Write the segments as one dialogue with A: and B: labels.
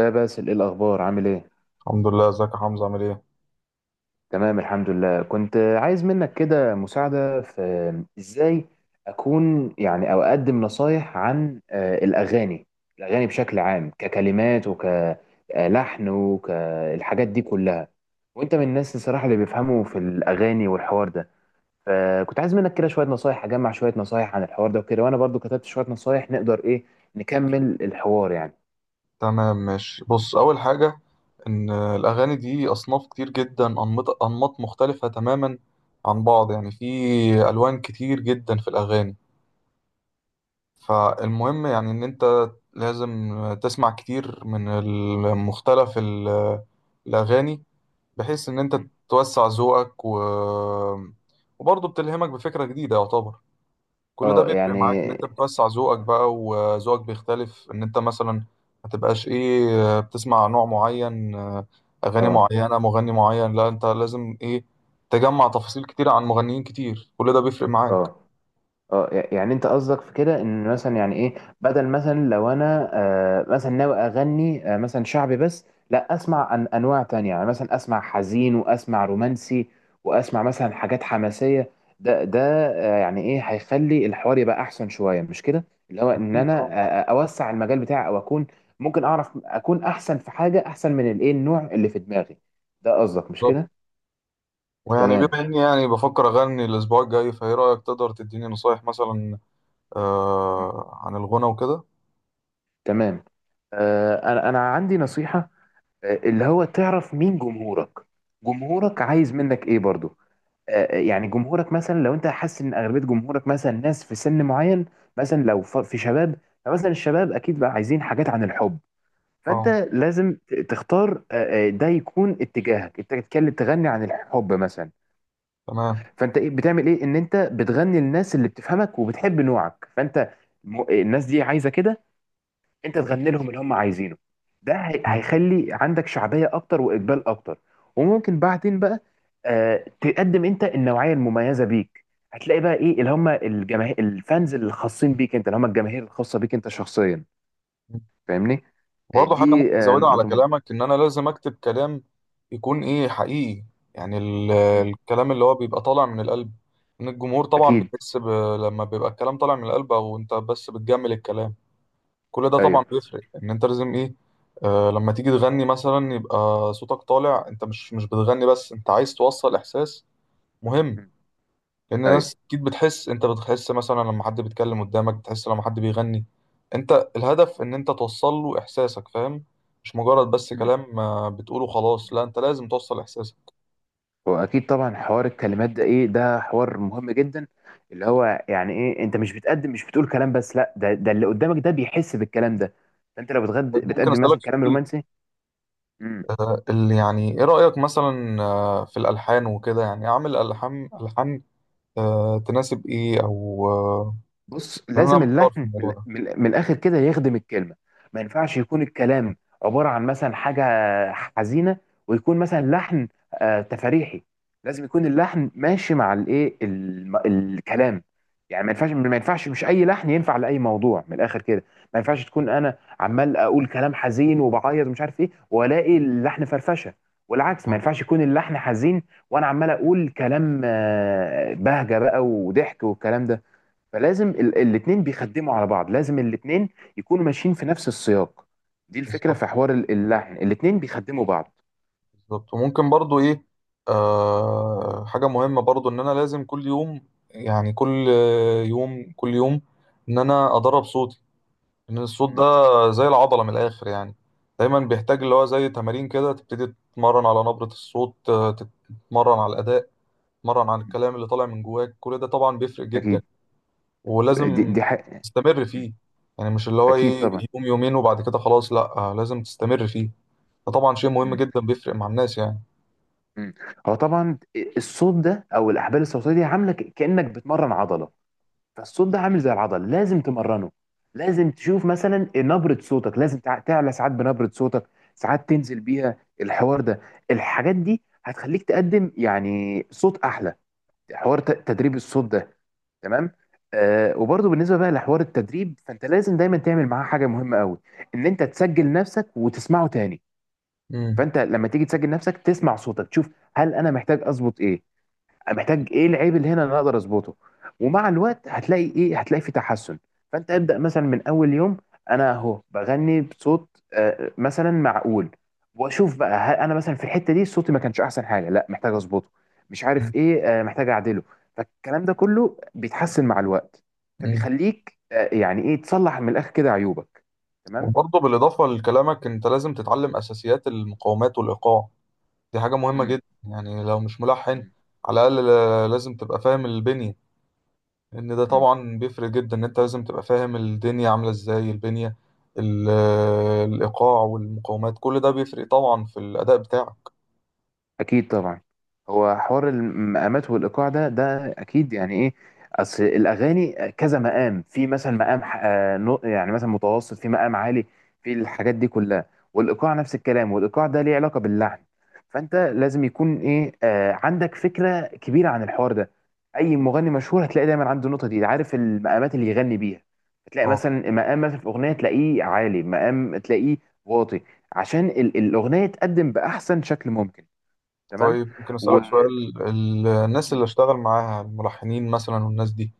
A: يا باسل، ايه الاخبار؟ عامل ايه؟
B: الحمد لله، ازيك يا حمزة؟ عامل ايه؟
A: تمام الحمد لله. كنت عايز منك كده مساعده في. ازاي اكون يعني او اقدم نصايح عن الاغاني بشكل عام، ككلمات وكلحن وكالحاجات دي كلها. وانت من الناس الصراحه اللي بيفهموا في الاغاني والحوار ده، فكنت عايز منك كده شويه نصايح، اجمع شويه نصايح عن الحوار ده وكده، وانا برضو كتبت شويه نصايح نقدر ايه نكمل الحوار يعني.
B: تمام ماشي، بص. أول حاجة إن الأغاني دي أصناف كتير جدا، أنماط أنماط مختلفة تماما عن بعض، يعني في ألوان كتير جدا في الأغاني. فالمهم يعني إن أنت لازم تسمع كتير من المختلف الأغاني، بحيث إن أنت توسع ذوقك وبرضه بتلهمك بفكرة جديدة يعتبر. كل ده
A: اه
B: بيفرق معاك ان
A: يعني.
B: انت بتوسع ذوقك بقى، وذوقك بيختلف ان انت مثلا ما تبقاش ايه بتسمع نوع معين، اغاني
A: اه.
B: معينة، مغني معين. لا، انت لازم ايه تجمع تفاصيل كتير عن مغنيين كتير، كل ده بيفرق معاك.
A: اه. اه يعني انت قصدك في كده ان مثلا يعني ايه، بدل مثلا لو انا مثلا ناوي اغني مثلا شعبي بس، لا اسمع أن انواع تانية، يعني مثلا اسمع حزين واسمع رومانسي واسمع مثلا حاجات حماسية. ده يعني ايه هيخلي الحوار يبقى احسن شوية، مش كده؟ اللي هو ان
B: أكيد
A: انا
B: أه.
A: اوسع المجال بتاعي او اكون ممكن اعرف اكون احسن في حاجة احسن من الايه النوع اللي في دماغي ده، قصدك مش
B: بالظبط.
A: كده؟
B: ويعني بما
A: تمام.
B: اني يعني بفكر اغني الاسبوع الجاي، فايه رايك تقدر تديني نصايح مثلا عن الغنى وكده؟
A: تمام. انا عندي نصيحه، اللي هو تعرف مين جمهورك، جمهورك عايز منك ايه برضو. يعني جمهورك مثلا لو انت حاسس ان اغلبيه جمهورك مثلا ناس في سن معين، مثلا لو في شباب، فمثلا الشباب اكيد بقى عايزين حاجات عن الحب. فانت
B: اه
A: لازم تختار، ده يكون اتجاهك، انت تتكلم تغني عن الحب مثلا.
B: تمام.
A: فانت ايه بتعمل ايه؟ ان انت بتغني للناس اللي بتفهمك وبتحب نوعك، فانت الناس دي عايزه كده، انت تغني لهم اللي هم عايزينه. ده هيخلي عندك شعبيه اكتر واقبال اكتر. وممكن بعدين بقى تقدم انت النوعيه المميزه بيك، هتلاقي بقى ايه اللي هم الجماهير الفانز اللي خاصين بيك انت، اللي هم الجماهير الخاصه بيك انت شخصيا. فاهمني؟
B: برضه حاجة ممكن
A: دي
B: أزودها على
A: نقطه مهمه.
B: كلامك، إن أنا لازم أكتب كلام يكون إيه حقيقي، يعني
A: مم.
B: الكلام اللي هو بيبقى طالع من القلب. إن الجمهور طبعا
A: اكيد.
B: بيحس لما بيبقى الكلام طالع من القلب، أو أنت بس بتجمل الكلام، كل ده طبعا
A: ايوه.
B: بيفرق. إن أنت لازم إيه آه لما تيجي تغني مثلا يبقى صوتك طالع، أنت مش بتغني بس، أنت عايز توصل إحساس مهم.
A: مم.
B: لان
A: ايوه.
B: الناس اكيد بتحس، انت بتحس مثلا لما حد بيتكلم قدامك، بتحس لما حد بيغني. انت الهدف ان انت توصل له احساسك، فاهم؟ مش مجرد بس كلام بتقوله خلاص، لا انت لازم توصل احساسك.
A: واكيد طبعا حوار الكلمات ده ايه، ده حوار مهم جدا، اللي هو يعني ايه انت مش بتقول كلام بس، لا، ده ده اللي قدامك ده بيحس بالكلام ده. فانت لو بتغد
B: طيب ممكن
A: بتقدم
B: اسالك
A: مثلا كلام
B: سؤال؟
A: رومانسي.
B: اللي يعني ايه رايك مثلا في الالحان وكده؟ يعني اعمل الحان الحان تناسب ايه، او
A: بص،
B: لأن انا
A: لازم
B: محتار في
A: اللحن
B: الموضوع ده
A: من الاخر كده يخدم الكلمه. ما ينفعش يكون الكلام عباره عن مثلا حاجه حزينه ويكون مثلا لحن تفريحي. لازم يكون اللحن ماشي مع الايه الكلام. يعني ما ينفعش مش اي لحن ينفع لاي موضوع من الاخر كده. ما ينفعش تكون انا عمال اقول كلام حزين وبعيط ومش عارف ايه والاقي اللحن فرفشه. والعكس ما
B: آه،
A: ينفعش يكون اللحن حزين وانا عمال اقول كلام بهجه بقى وضحك والكلام ده. فلازم الاثنين بيخدموا على بعض، لازم الاثنين يكونوا ماشيين في نفس السياق. دي الفكرة
B: بالظبط.
A: في حوار اللحن، الاثنين بيخدموا بعض.
B: بالظبط. وممكن برضو ايه آه حاجة مهمة برضو، ان انا لازم كل يوم، يعني كل يوم كل يوم، ان انا ادرب صوتي. ان الصوت
A: مم.
B: ده زي العضلة من الاخر يعني، دايما بيحتاج
A: مم.
B: اللي هو زي تمارين كده، تبتدي تتمرن على نبرة الصوت، تتمرن على الاداء، تتمرن على
A: مم.
B: الكلام اللي طالع من جواك، كل ده طبعا بيفرق جدا.
A: اكيد. دي,
B: ولازم
A: دي حق...
B: تستمر
A: مم.
B: فيه، يعني مش اللي هو
A: اكيد
B: ايه
A: طبعا.
B: يوم يومين وبعد كده خلاص، لا، لازم تستمر
A: مم.
B: فيه. ده طبعا شيء مهم
A: مم.
B: جدا بيفرق مع الناس يعني.
A: مم. هو طبعا الصوت ده او الاحبال الصوتيه دي عامله كانك بتمرن عضله، فالصوت ده عامل زي العضله، لازم تمرنه. لازم تشوف مثلا نبره صوتك، لازم تعلى ساعات بنبره صوتك، ساعات تنزل بيها، الحوار ده. الحاجات دي هتخليك تقدم يعني صوت احلى، حوار تدريب الصوت ده. تمام. آه وبرضه بالنسبه بقى لحوار التدريب، فانت لازم دايما تعمل معاه حاجه مهمه قوي، ان انت تسجل نفسك وتسمعه تاني. فانت لما تيجي تسجل نفسك تسمع صوتك، تشوف هل انا محتاج اظبط ايه؟ أنا محتاج ايه؟ العيب اللي هنا اللي انا اقدر اظبطه. ومع الوقت هتلاقي ايه، هتلاقي في تحسن. فانت ابدا مثلا من اول يوم، انا اهو بغني بصوت مثلا معقول، واشوف بقى هل انا مثلا في الحته دي صوتي ما كانش احسن حاجه؟ لا، محتاج اظبطه، مش
B: مم.
A: عارف ايه، محتاج اعدله. فالكلام ده كله بيتحسن مع الوقت.
B: مم.
A: فبيخليك يعني ايه تصلح من الاخر كده عيوبك. تمام.
B: وبرضه بالإضافة لكلامك، أنت لازم تتعلم أساسيات المقاومات والإيقاع، دي حاجة مهمة
A: مم.
B: جدا يعني لو مش ملحن، على الأقل لازم تبقى فاهم البنية. إن ده
A: مم.
B: طبعا بيفرق جدا، إن أنت لازم تبقى فاهم الدنيا عاملة إزاي، البنية، ال- الإيقاع والمقاومات، كل ده بيفرق طبعا في الأداء بتاعك.
A: اكيد طبعا. هو حوار المقامات والايقاع ده اكيد يعني ايه، اصل الاغاني كذا مقام، في مثلا مقام يعني مثلا متوسط، في مقام عالي، في الحاجات دي كلها. والايقاع نفس الكلام، والايقاع ده ليه علاقه باللحن. فانت لازم يكون ايه عندك فكره كبيره عن الحوار ده. اي مغني مشهور هتلاقي دايما عنده النقطه دي، عارف المقامات اللي يغني بيها. هتلاقي
B: أه.
A: مثلا مقام مثلا في اغنيه تلاقيه عالي، مقام تلاقيه واطي، عشان الاغنيه تقدم باحسن شكل ممكن. تمام.
B: طيب ممكن
A: و.
B: أسألك سؤال؟ الناس اللي
A: مم.
B: أشتغل معاها، الملحنين مثلا والناس دي،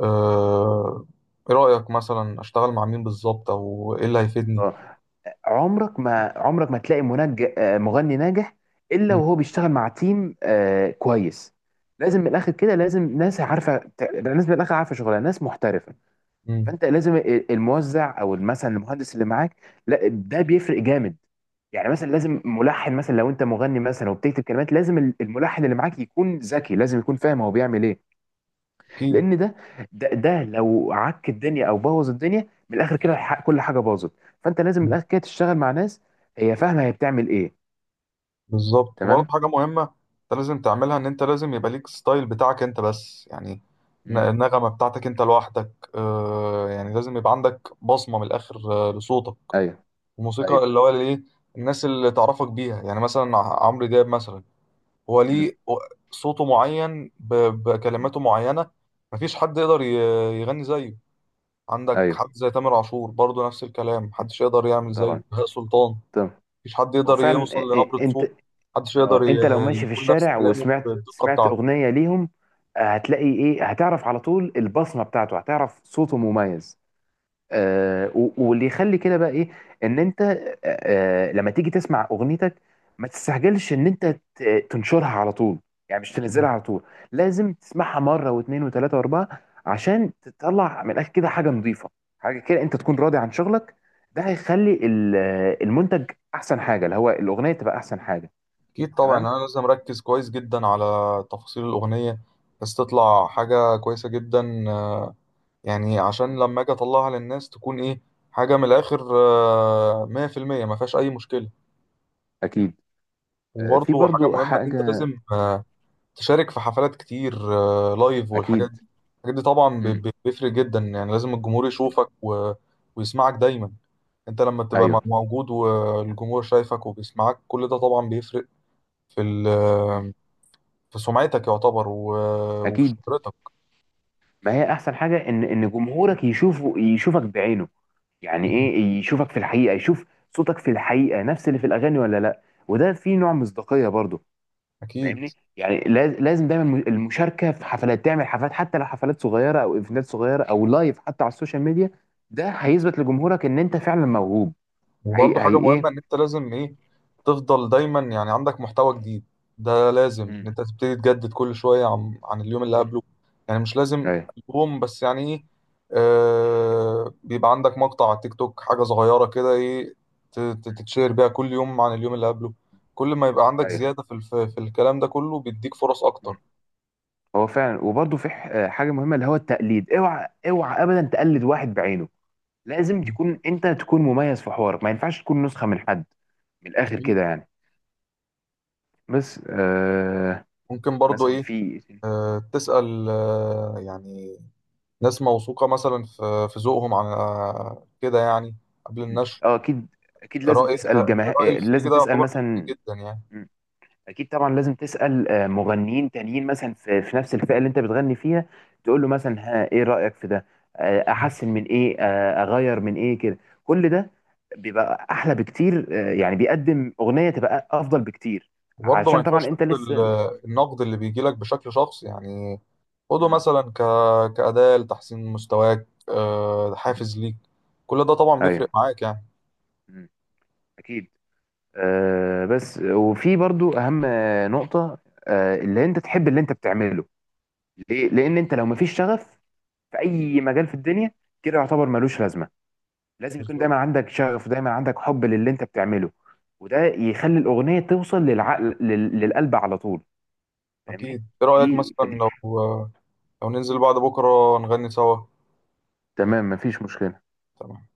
B: آه، إيه رأيك مثلا أشتغل مع مين بالظبط، أو إيه اللي هيفيدني؟
A: اه. عمرك ما تلاقي مغني ناجح الا وهو بيشتغل مع تيم كويس. لازم من الاخر كده، لازم ناس عارفه ناس من الاخر عارفه شغلها، ناس محترفه.
B: مم.
A: فانت لازم الموزع او مثلا المهندس اللي معاك، لا، ده بيفرق جامد. يعني مثلا لازم ملحن مثلا، لو انت مغني مثلا وبتكتب كلمات، لازم الملحن اللي معاك يكون ذكي، لازم يكون فاهم هو بيعمل ايه،
B: اكيد.
A: لان ده ده لو عك الدنيا او بوظ الدنيا من الاخر كده كل حاجه باظت. فانت لازم من الاخر كده تشتغل مع ناس هي فاهمه هي بتعمل ايه.
B: بالظبط. وبرضه
A: تمام.
B: حاجه مهمه انت لازم تعملها، ان انت لازم يبقى ليك ستايل بتاعك انت بس، يعني
A: امم
B: النغمه بتاعتك انت لوحدك، آه يعني لازم يبقى عندك بصمه من الاخر آه لصوتك،
A: ايوه.
B: الموسيقى
A: ايوه.
B: اللي هو الايه الناس اللي تعرفك بيها. يعني مثلا عمرو دياب مثلا، هو
A: امم
B: ليه صوته معين بكلماته معينه، مفيش حد يقدر يغني زيه. عندك
A: ايوه.
B: حد زي تامر عاشور، برضه نفس الكلام،
A: مم.
B: محدش يقدر يعمل
A: طبعا.
B: زيه. بهاء سلطان
A: طبعا.
B: مفيش حد
A: هو
B: يقدر يوصل
A: فعلا
B: لنبرة
A: انت
B: صوت، محدش يقدر
A: انت لو ماشي في
B: يقول نفس
A: الشارع
B: كلامه
A: وسمعت
B: بالدقة بتاعته.
A: اغنيه ليهم، هتلاقي ايه، هتعرف على طول البصمه بتاعته، هتعرف صوته مميز. واللي يخلي كده بقى ايه، ان انت لما تيجي تسمع اغنيتك ما تستعجلش ان انت تنشرها على طول، يعني مش تنزلها على طول، لازم تسمعها مره واثنين وثلاثه واربعه عشان تطلع من الاخر كده حاجه نظيفه، حاجه كده انت تكون راضي عن شغلك. ده هيخلي المنتج احسن حاجه، اللي هو الاغنيه تبقى احسن حاجه.
B: أكيد طبعا
A: تمام.
B: أنا لازم أركز كويس جدا على تفاصيل الأغنية، بس تطلع حاجة كويسة جدا، يعني عشان
A: مم.
B: لما أجي أطلعها للناس تكون إيه حاجة من الآخر، مية في المية مفيهاش أي مشكلة.
A: اكيد. في
B: وبرضه حاجة
A: برضو
B: مهمة إن أنت
A: حاجه.
B: لازم
A: مم.
B: تشارك في حفلات كتير، لايف
A: اكيد.
B: والحاجات دي. الحاجات دي طبعا
A: مم.
B: بيفرق جدا، يعني لازم الجمهور
A: مم.
B: يشوفك ويسمعك دايما. انت لما تبقى
A: ايوه.
B: موجود، والجمهور شايفك وبيسمعك، كل ده طبعا بيفرق في
A: مم.
B: في سمعتك يعتبر، وفي
A: اكيد.
B: شهرتك.
A: ما هي احسن حاجه ان جمهورك يشوفك بعينه، يعني
B: مم.
A: ايه، يشوفك في الحقيقه، يشوف صوتك في الحقيقه نفس اللي في الاغاني ولا لا. وده فيه نوع مصداقيه برضو.
B: اكيد.
A: فاهمني؟ يعني لازم دايما المشاركه في حفلات، تعمل حفلات حتى لو حفلات صغيره او ايفنتات صغيره او لايف حتى على السوشيال ميديا. ده هيثبت لجمهورك ان انت فعلا موهوب. هي
B: وبرضه حاجة
A: ايه.
B: مهمة إن أنت لازم إيه تفضل دايما يعني عندك محتوى جديد، ده لازم إن
A: مم.
B: أنت تبتدي تجدد كل شوية عن اليوم اللي
A: مم.
B: قبله. يعني مش لازم
A: ايوه.
B: ألبوم بس، يعني إيه آه بيبقى عندك مقطع على التيك توك، حاجة صغيرة كده إيه
A: مم.
B: تتشير بيها كل يوم عن اليوم اللي قبله. كل ما يبقى عندك
A: ايوه.
B: زيادة في في الكلام ده كله بيديك فرص
A: مم.
B: أكتر.
A: هو فعلا. وبرضه في حاجه مهمه، اللي هو التقليد، اوعى اوعى ابدا تقلد واحد بعينه. لازم تكون انت تكون مميز في حوارك، ما ينفعش تكون نسخة من حد من الاخر
B: أكيد.
A: كده يعني. بس
B: ممكن برضه
A: مثلا
B: إيه
A: في إيه تاني؟
B: تسأل، يعني ناس موثوقة مثلا في ذوقهم عن كده يعني، قبل
A: مم.
B: النشر،
A: اه. اكيد. اكيد لازم
B: رأي
A: تسأل
B: الرأي
A: جماهير،
B: الخارجي
A: لازم
B: ده
A: تسأل
B: يعتبر مهم
A: مثلا.
B: جدا يعني.
A: مم. اكيد طبعا لازم تسأل مغنيين تانيين مثلا في نفس الفئة اللي انت بتغني فيها، تقول له مثلا ها ايه رأيك في ده؟ احسن من ايه؟ اغير من ايه كده؟ كل ده بيبقى احلى بكتير، يعني بيقدم اغنية تبقى افضل بكتير،
B: وبرضه ما
A: عشان
B: ينفعش
A: طبعا انت
B: تاخد
A: لسه.
B: النقد اللي بيجي لك بشكل شخصي، يعني خده
A: مم.
B: مثلا كأداة لتحسين مستواك،
A: مم.
B: حافز ليك، كل ده طبعا
A: ايوه.
B: بيفرق معاك يعني.
A: مم. اكيد. أه بس وفي برضو اهم نقطه، أه اللي انت تحب اللي انت بتعمله، ليه؟ لان انت لو مفيش شغف في اي مجال في الدنيا كده يعتبر ملوش لازمه. لازم يكون
B: بالظبط.
A: دايما عندك شغف ودايما عندك حب للي انت بتعمله. وده يخلي الاغنيه توصل للعقل للقلب على طول. فاهمني؟
B: أكيد إيه رأيك
A: دي
B: مثلا
A: فدي
B: لو ننزل بعد بكرة نغني سوا؟
A: تمام مفيش مشكله.
B: تمام.